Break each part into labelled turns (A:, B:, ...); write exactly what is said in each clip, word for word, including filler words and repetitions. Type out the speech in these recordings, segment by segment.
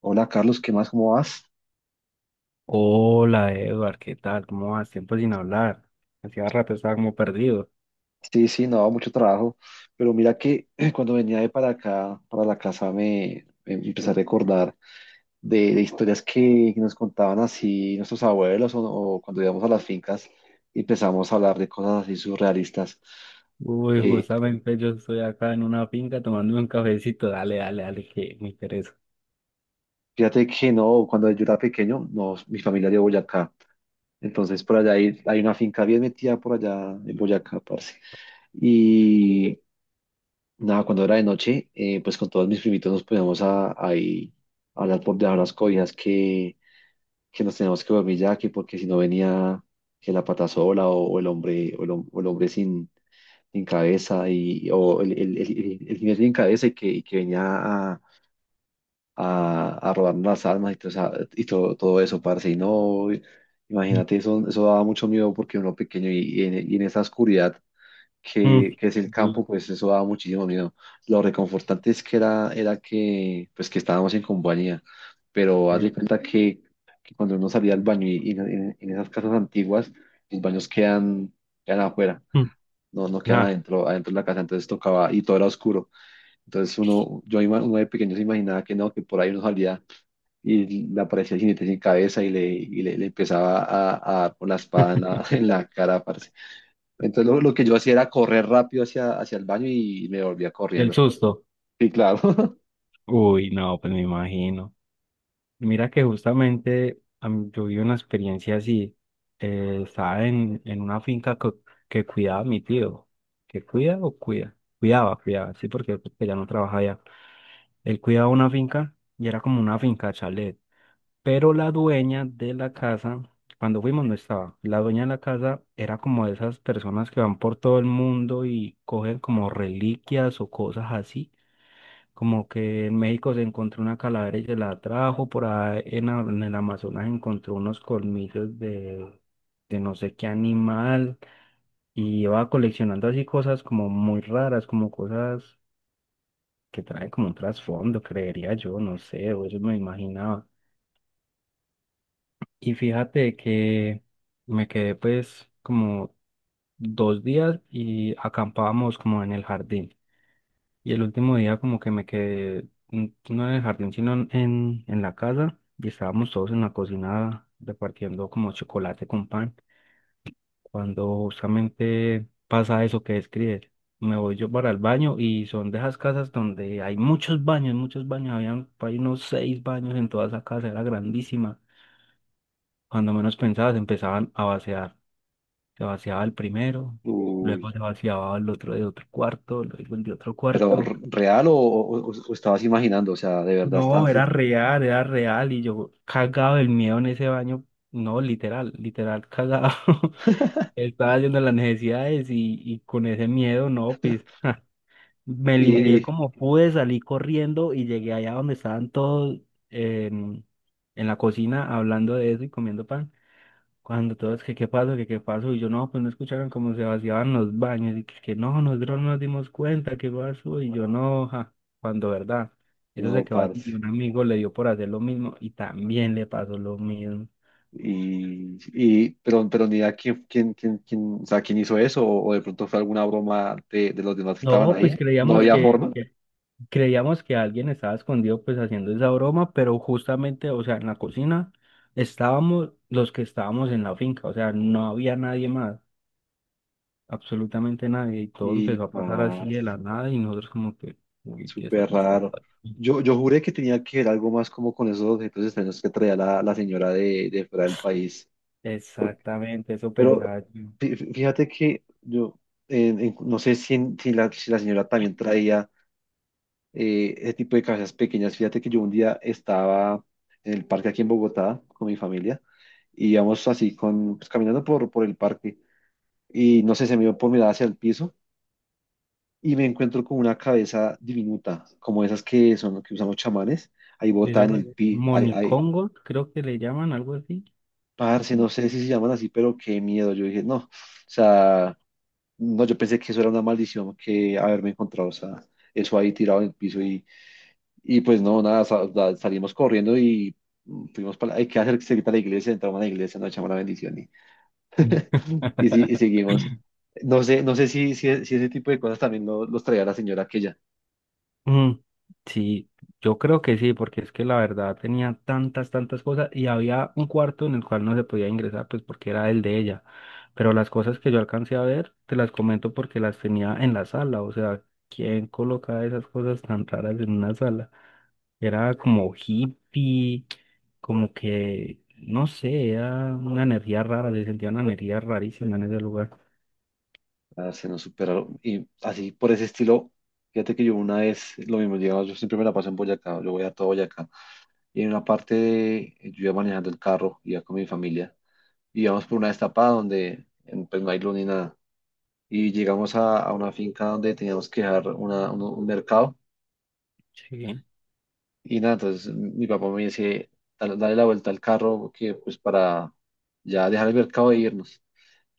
A: Hola Carlos, ¿qué más? ¿Cómo vas?
B: Hola, Edward, ¿qué tal? ¿Cómo vas? Tiempo sin hablar. Hacía rato estaba como perdido.
A: Sí, sí, no, mucho trabajo, pero mira que cuando venía de para acá, para la casa, me, me empecé a recordar de, de historias que nos contaban así nuestros abuelos o, o cuando íbamos a las fincas y empezamos a hablar de cosas así surrealistas.
B: Uy,
A: Eh,
B: justamente yo estoy acá en una finca tomándome un cafecito. Dale, dale, dale, que me interesa.
A: Fíjate que no, cuando yo era pequeño, no, mi familia era de Boyacá, entonces por allá hay, hay una finca bien metida por allá en Boyacá, parce. Nada, cuando era de noche, eh, pues con todos mis primitos nos poníamos a, ahí a hablar por debajo de las cobijas que, que nos teníamos que dormir ya, que porque si no venía que la pata sola o, o el hombre, o el, hom- o el hombre sin, sin cabeza, y, o el, el, el, el- el jinete sin cabeza y que, y que venía a, a, a robarnos las almas y, todo, esa- y todo, todo eso, parce. Y no, imagínate, eso, eso daba mucho miedo porque uno pequeño y, y en, y en esa oscuridad
B: Mm,
A: que, que es el campo,
B: sí,
A: pues eso daba muchísimo miedo. Lo reconfortante es que era, era que, pues que estábamos en compañía, pero haz
B: eh,
A: de cuenta que, que cuando uno salía al baño y, y en, en esas casas antiguas, los baños quedan, quedan afuera,
B: mm,
A: no, no quedan
B: ah,
A: adentro, adentro de la casa, entonces tocaba y todo era oscuro. Entonces uno, yo ima- uno de pequeño se imaginaba que no, que por ahí uno salía y le aparecía el jinete sin cabeza y le, y le, le empezaba a, a dar con la espada en la, en la cara, parce. Entonces lo, lo que yo hacía era correr rápido hacia, hacia el baño y me volvía
B: del
A: corriendo.
B: susto.
A: Sí, claro.
B: Uy, no, pues me imagino. Mira que justamente a mí- yo viví una experiencia así. Eh, estaba en, en una finca co- que, cuidaba a mi tío. ¿Que cuida o cuida? Cuidaba, cuidaba, sí, porque, porque ya no trabaja allá. Él cuidaba una finca y era como una finca chalet, pero la dueña de la casa, cuando fuimos no estaba. La dueña de la casa era como de esas personas que van por todo el mundo y cogen como reliquias o cosas así, como que en México se encontró una calavera y se la trajo, por ahí en, a- en el Amazonas encontró unos colmillos de, de no sé qué animal y iba coleccionando así cosas como muy raras, como cosas que trae como un trasfondo, creería yo, no sé, o eso me imaginaba. Y fíjate que me quedé pues como dos días y acampábamos como en el jardín. Y el último día como que me quedé, mm, no en el jardín, sino en, en en la casa, y estábamos todos en la cocina repartiendo como chocolate con pan, cuando justamente pasa eso que describes. Me voy yo para el baño y son de esas casas donde hay muchos baños, muchos baños. Habían por ahí unos seis baños en toda esa casa, era grandísima. Cuando menos pensabas, empezaban a vaciar. Se vaciaba el primero,
A: Uy,
B: luego se vaciaba el otro de otro cuarto, luego el de otro
A: pero
B: cuarto.
A: r- real o, o- o- o estabas imaginando, o sea, de verdad
B: No,
A: estabas.
B: era real, era real, y yo cagado del miedo en ese baño. No, literal, literal cagado. Estaba haciendo las necesidades, y, y con ese miedo, no, pues. Me limpié
A: Y
B: como pude, salí corriendo y llegué allá donde estaban todos, en, en la cocina, hablando de eso y comiendo pan. Cuando todos, que qué pasó, que qué pasó, y yo no, pues, no escucharon cómo se vaciaban los baños y que, que no, nosotros no nos dimos cuenta, qué pasó, y yo no, ja, cuando verdad, eso se
A: no,
B: quedó así,
A: parce.
B: y un amigo le dio por hacer lo mismo y también le pasó lo mismo.
A: Y, y pero, pero ni idea quién, quién, quién, quién, o sea, quién hizo eso, o, o de pronto fue alguna broma de, de los demás que estaban
B: No,
A: ahí.
B: pues
A: No
B: creíamos
A: había
B: que,
A: forma.
B: que Creíamos que alguien estaba escondido pues haciendo esa broma, pero justamente, o sea, en la cocina estábamos los que estábamos en la finca, o sea, no había nadie más, absolutamente nadie, y todo
A: Y
B: empezó a pasar así
A: parce,
B: de la nada, y nosotros como que, uy, ¿qué está
A: súper
B: pasando
A: raro.
B: aquí?
A: Yo, yo juré que tenía que ver algo más como con esos objetos extraños que traía la, la señora de, de fuera del país.
B: Exactamente, eso
A: Pero
B: pensaba yo.
A: fí- fí- fíjate que yo eh, en- no sé si en- si, la, si la señora también traía eh, ese tipo de cabezas pequeñas. Fíjate que yo un día estaba en el parque aquí en Bogotá con mi familia y íbamos así con, pues, caminando por, por el parque y no sé, se me dio por mirar hacia el piso y me encuentro con una cabeza diminuta, como esas que son que usan los chamanes, ahí botada
B: Eso
A: en
B: fue
A: el pi, ahí, ahí,
B: monicongo, creo que le llaman algo así.
A: parce, no sé si se llaman así, pero qué miedo. Yo dije, no, o sea. No, yo pensé que eso era una maldición que haberme encontrado, o sea, eso ahí tirado en el piso y, y pues no, nada, sa- da- salimos corriendo y mm, fuimos para, hay que hacer cerquita a la iglesia, entramos a la iglesia, nos echamos la bendición y, y, si- y seguimos. No sé, no sé si, si, si ese tipo de cosas también lo- los traía la señora aquella.
B: Mm, sí, yo creo que sí, porque es que la verdad tenía tantas, tantas cosas, y había un cuarto en el cual no se podía ingresar, pues porque era el de ella. Pero las cosas que yo alcancé a ver, te las comento porque las tenía en la sala. O sea, ¿quién colocaba esas cosas tan raras en una sala? Era como hippie, como que, no sé, era una energía rara, se sentía una energía rarísima en ese lugar.
A: Ah, se nos superaron y así por ese estilo, fíjate que yo una vez, lo mismo, digamos, yo siempre me la paso en Boyacá, yo voy a todo Boyacá y en una parte de- yo iba manejando el carro, iba con mi familia y íbamos por una destapada donde en- pues no hay luz ni nada. Y llegamos a, a una finca donde teníamos que dejar una- un, un mercado
B: Sí.
A: y nada, entonces mi papá me dice: "Dale dale la vuelta al carro que pues para ya dejar el mercado e irnos".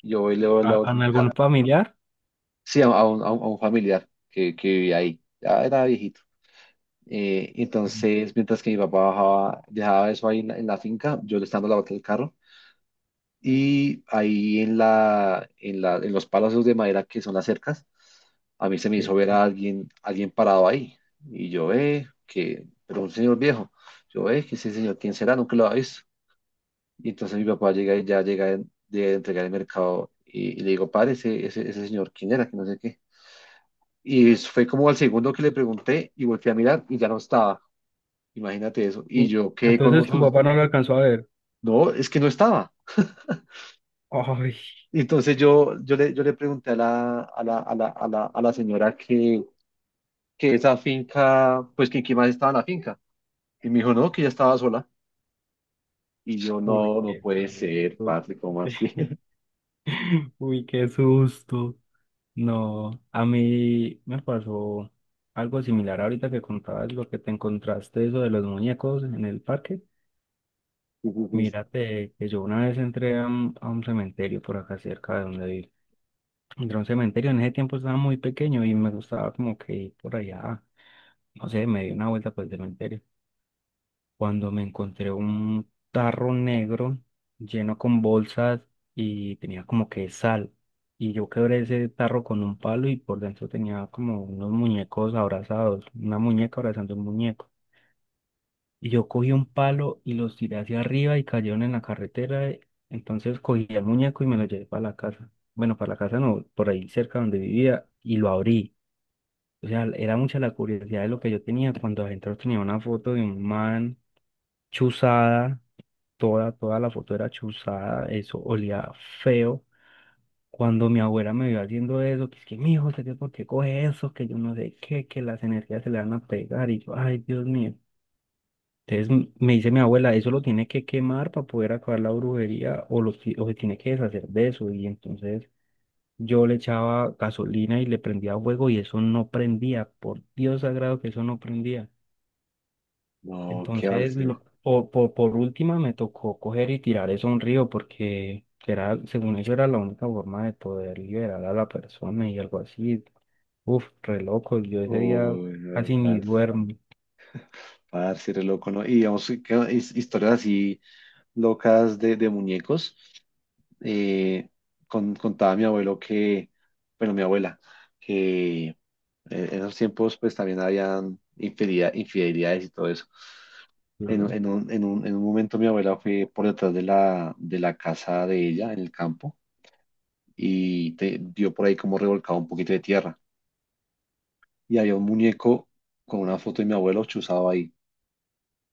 A: Yo voy y le doy la
B: ¿A-
A: vuelta
B: ¿En
A: al
B: algún
A: carro.
B: familiar?
A: Sí, a, a un, a un- a un familiar que, que vivía ahí, ya era viejito. Eh, entonces, mientras que mi papá bajaba, dejaba eso ahí en la, en la finca, yo le estaba dando la vuelta al carro. Y ahí en la, en la, en los palos de madera que son las cercas, a mí se me
B: Sí.
A: hizo ver a alguien, alguien parado ahí. Y yo, eh, que, pero un señor viejo. Yo, eh, que ese señor, ¿quién será? Nunca lo había visto. Y entonces mi papá llega y ya llega en- de entregar el mercado y, y le digo, padre, ese, ese, ese señor, ¿quién era? Que no sé qué. Y es- fue como al segundo que le pregunté y volteé a mirar y ya no estaba. Imagínate eso. Y
B: Mm.
A: yo quedé con un
B: Entonces tu papá
A: susto.
B: no lo alcanzó a ver.
A: No, es que no estaba.
B: Ay,
A: Y entonces yo, yo le, yo le pregunté a la, a la, a la, a la, a la señora que, que esa finca, pues que quién más estaba en la finca. Y me dijo, no, que ya estaba sola. Y yo,
B: uy,
A: no, no
B: qué
A: puede ser,
B: susto.
A: parce, ¿cómo así?
B: Uy, qué susto. No, a mí me pasó algo similar ahorita que contabas lo que te encontraste, eso de los muñecos en el parque. Mírate que yo una vez entré a un, a un cementerio por acá cerca de donde vivo. Entré a un cementerio, en ese tiempo estaba muy pequeño y me gustaba como que ir por allá, no sé, me di una vuelta por el cementerio, cuando me encontré un tarro negro lleno con bolsas y tenía como que sal. Y yo quebré ese tarro con un palo, y por dentro tenía como unos muñecos abrazados, una muñeca abrazando un muñeco. Y yo cogí un palo y los tiré hacia arriba y cayeron en la carretera. Entonces cogí el muñeco y me lo llevé para la casa. Bueno, para la casa no, por ahí cerca donde vivía, y lo abrí. O sea, era mucha la curiosidad de lo que yo tenía cuando adentro tenía una foto de un man chuzada. Toda, toda la foto era chuzada, eso olía feo. Cuando mi abuela me vio haciendo eso, ¿que es que mi hijo, por qué coge eso? Que yo no sé qué, que las energías se le van a pegar. Y yo, ay, Dios mío. Entonces m- me dice mi abuela, eso lo tiene que quemar para poder acabar la brujería, o, lo, ti- o se tiene que deshacer de eso. Y entonces yo le echaba gasolina y le prendía fuego, y eso no prendía. Por Dios sagrado que eso no prendía.
A: No, ¿qué va a
B: Entonces,
A: ser?
B: lo- po- po- por última me tocó coger y tirar eso a un río porque era, según eso era la única forma de poder liberar a la persona y algo así. Uf, re loco, yo ese día
A: Uy, no,
B: casi ni
A: par-
B: duermo.
A: parce, re loco, ¿no? Y digamos, que his- historias así locas de, de muñecos. Eh, con- Contaba mi abuelo que, bueno, mi abuela. Eh, en esos tiempos, pues también habían infidelidad- infidelidades y todo eso. En, un-
B: Ujú.
A: en un, en un- en un momento mi abuela fue por detrás de la, de la casa de ella, en el campo, y te- dio por ahí como revolcado un poquito de tierra. Y había un muñeco con una foto de mi abuelo chuzado ahí.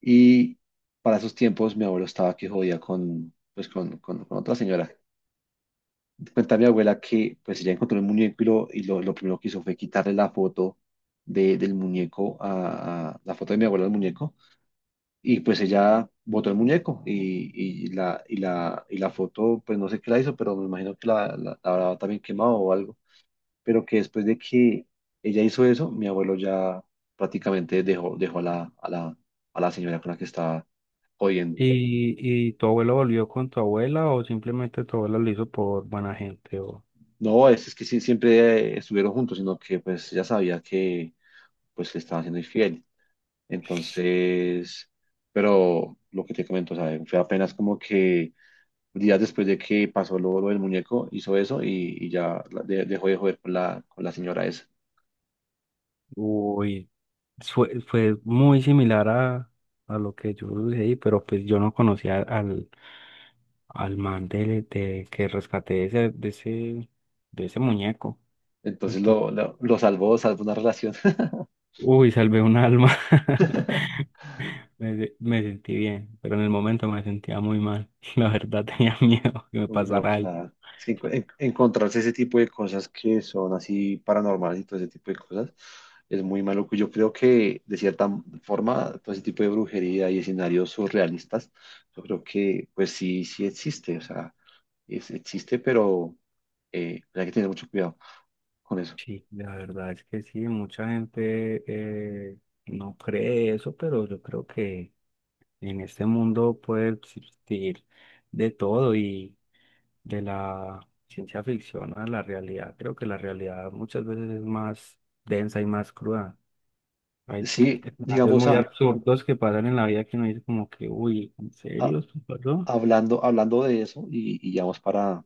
A: Y para esos tiempos mi abuelo estaba que jodía con, pues, con, con, con otra señora. Cuenta mi abuela que pues ella encontró el muñeco y lo, y lo, lo primero que hizo fue quitarle la foto de, del muñeco, a, a- la foto de mi abuela al muñeco, y pues ella botó el muñeco y, y la, y, la, y la foto pues no sé qué la hizo pero me imagino que la, la, la habrá también quemado o algo, pero que después de que ella hizo eso mi abuelo ya prácticamente dejó, dejó a la, a la, a la señora con la que estaba jodiendo.
B: ¿Y, y tu abuelo volvió con tu abuela, o simplemente tu abuela lo hizo por buena gente? O...
A: No, es, es que sí, siempre eh, estuvieron juntos sino que pues ella sabía que pues que estaban siendo infiel. Entonces, pero lo que te comento, o sea, fue apenas como que días después de que pasó lo, lo del muñeco, hizo eso y, y ya la- de- dejó de joder con la, con la señora esa.
B: Uy, fue, fue muy similar a, a lo que yo sucedí, pero pues yo no conocía al, al man de, de- que rescaté de ese, de ese, de ese muñeco.
A: Entonces
B: Ento-
A: lo, lo, lo salvó, salvó una relación.
B: Uy, salvé un alma. Me, se- me sentí bien, pero en el momento me sentía muy mal. La verdad tenía miedo que me
A: Uy, no,
B: pasara algo.
A: claro. Es que enco- en- encontrarse ese tipo de cosas que son así paranormales y todo ese tipo de cosas es muy malo. Yo creo que de cierta forma todo ese tipo de brujería y escenarios surrealistas, yo creo que pues sí, sí existe. O sea, es- existe, pero eh, hay que tener mucho cuidado con eso.
B: Sí, la verdad es que sí, mucha gente, eh, no cree eso, pero yo creo que en este mundo puede existir de todo, y de la ciencia ficción a la realidad. Creo que la realidad muchas veces es más densa y más cruda. Hay
A: Sí,
B: escenarios
A: digamos,
B: muy
A: a-
B: absurdos que pasan en la vida, que uno dice como que, uy, ¿en
A: a-
B: serio esto pasó?
A: hablando, hablando de eso y, y ya vamos para,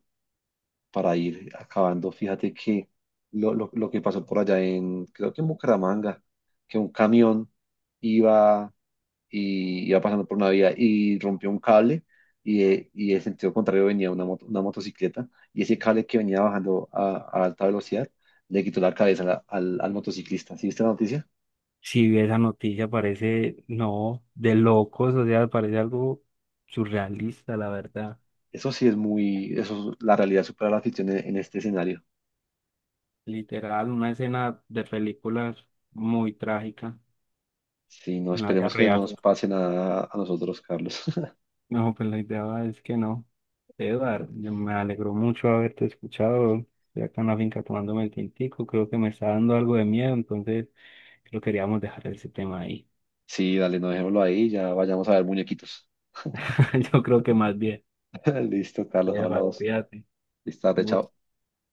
A: para ir acabando. Fíjate que lo, lo- lo que pasó por allá en, creo que en Bucaramanga, que un camión iba, y, iba pasando por una vía y rompió un cable y, eh, y en sentido contrario venía una, moto- una motocicleta, y ese cable que venía bajando a, a alta velocidad le quitó la cabeza a la- al, al motociclista. ¿Sí viste la noticia?
B: Si esa noticia parece, no, de locos, o sea, parece algo surrealista, la verdad.
A: Eso sí es muy, eso, la realidad supera la ficción en, en este escenario.
B: Literal, una escena de películas muy trágica
A: Sí, no
B: en la vida
A: esperemos que no
B: real.
A: nos pase nada a nosotros, Carlos.
B: No, pues la idea va es que no. Eduard, me alegró mucho haberte escuchado. Estoy acá en la finca tomándome el tintico. Creo que me está dando algo de miedo, entonces creo que queríamos dejar ese tema ahí.
A: Sí, dale, no dejémoslo ahí, ya vayamos a ver muñequitos.
B: Yo creo que más bien.
A: Listo, Carlos,
B: Eduard,
A: hablamos.
B: cuídate.
A: Listo,
B: Un
A: tarde,
B: gusto.
A: chao.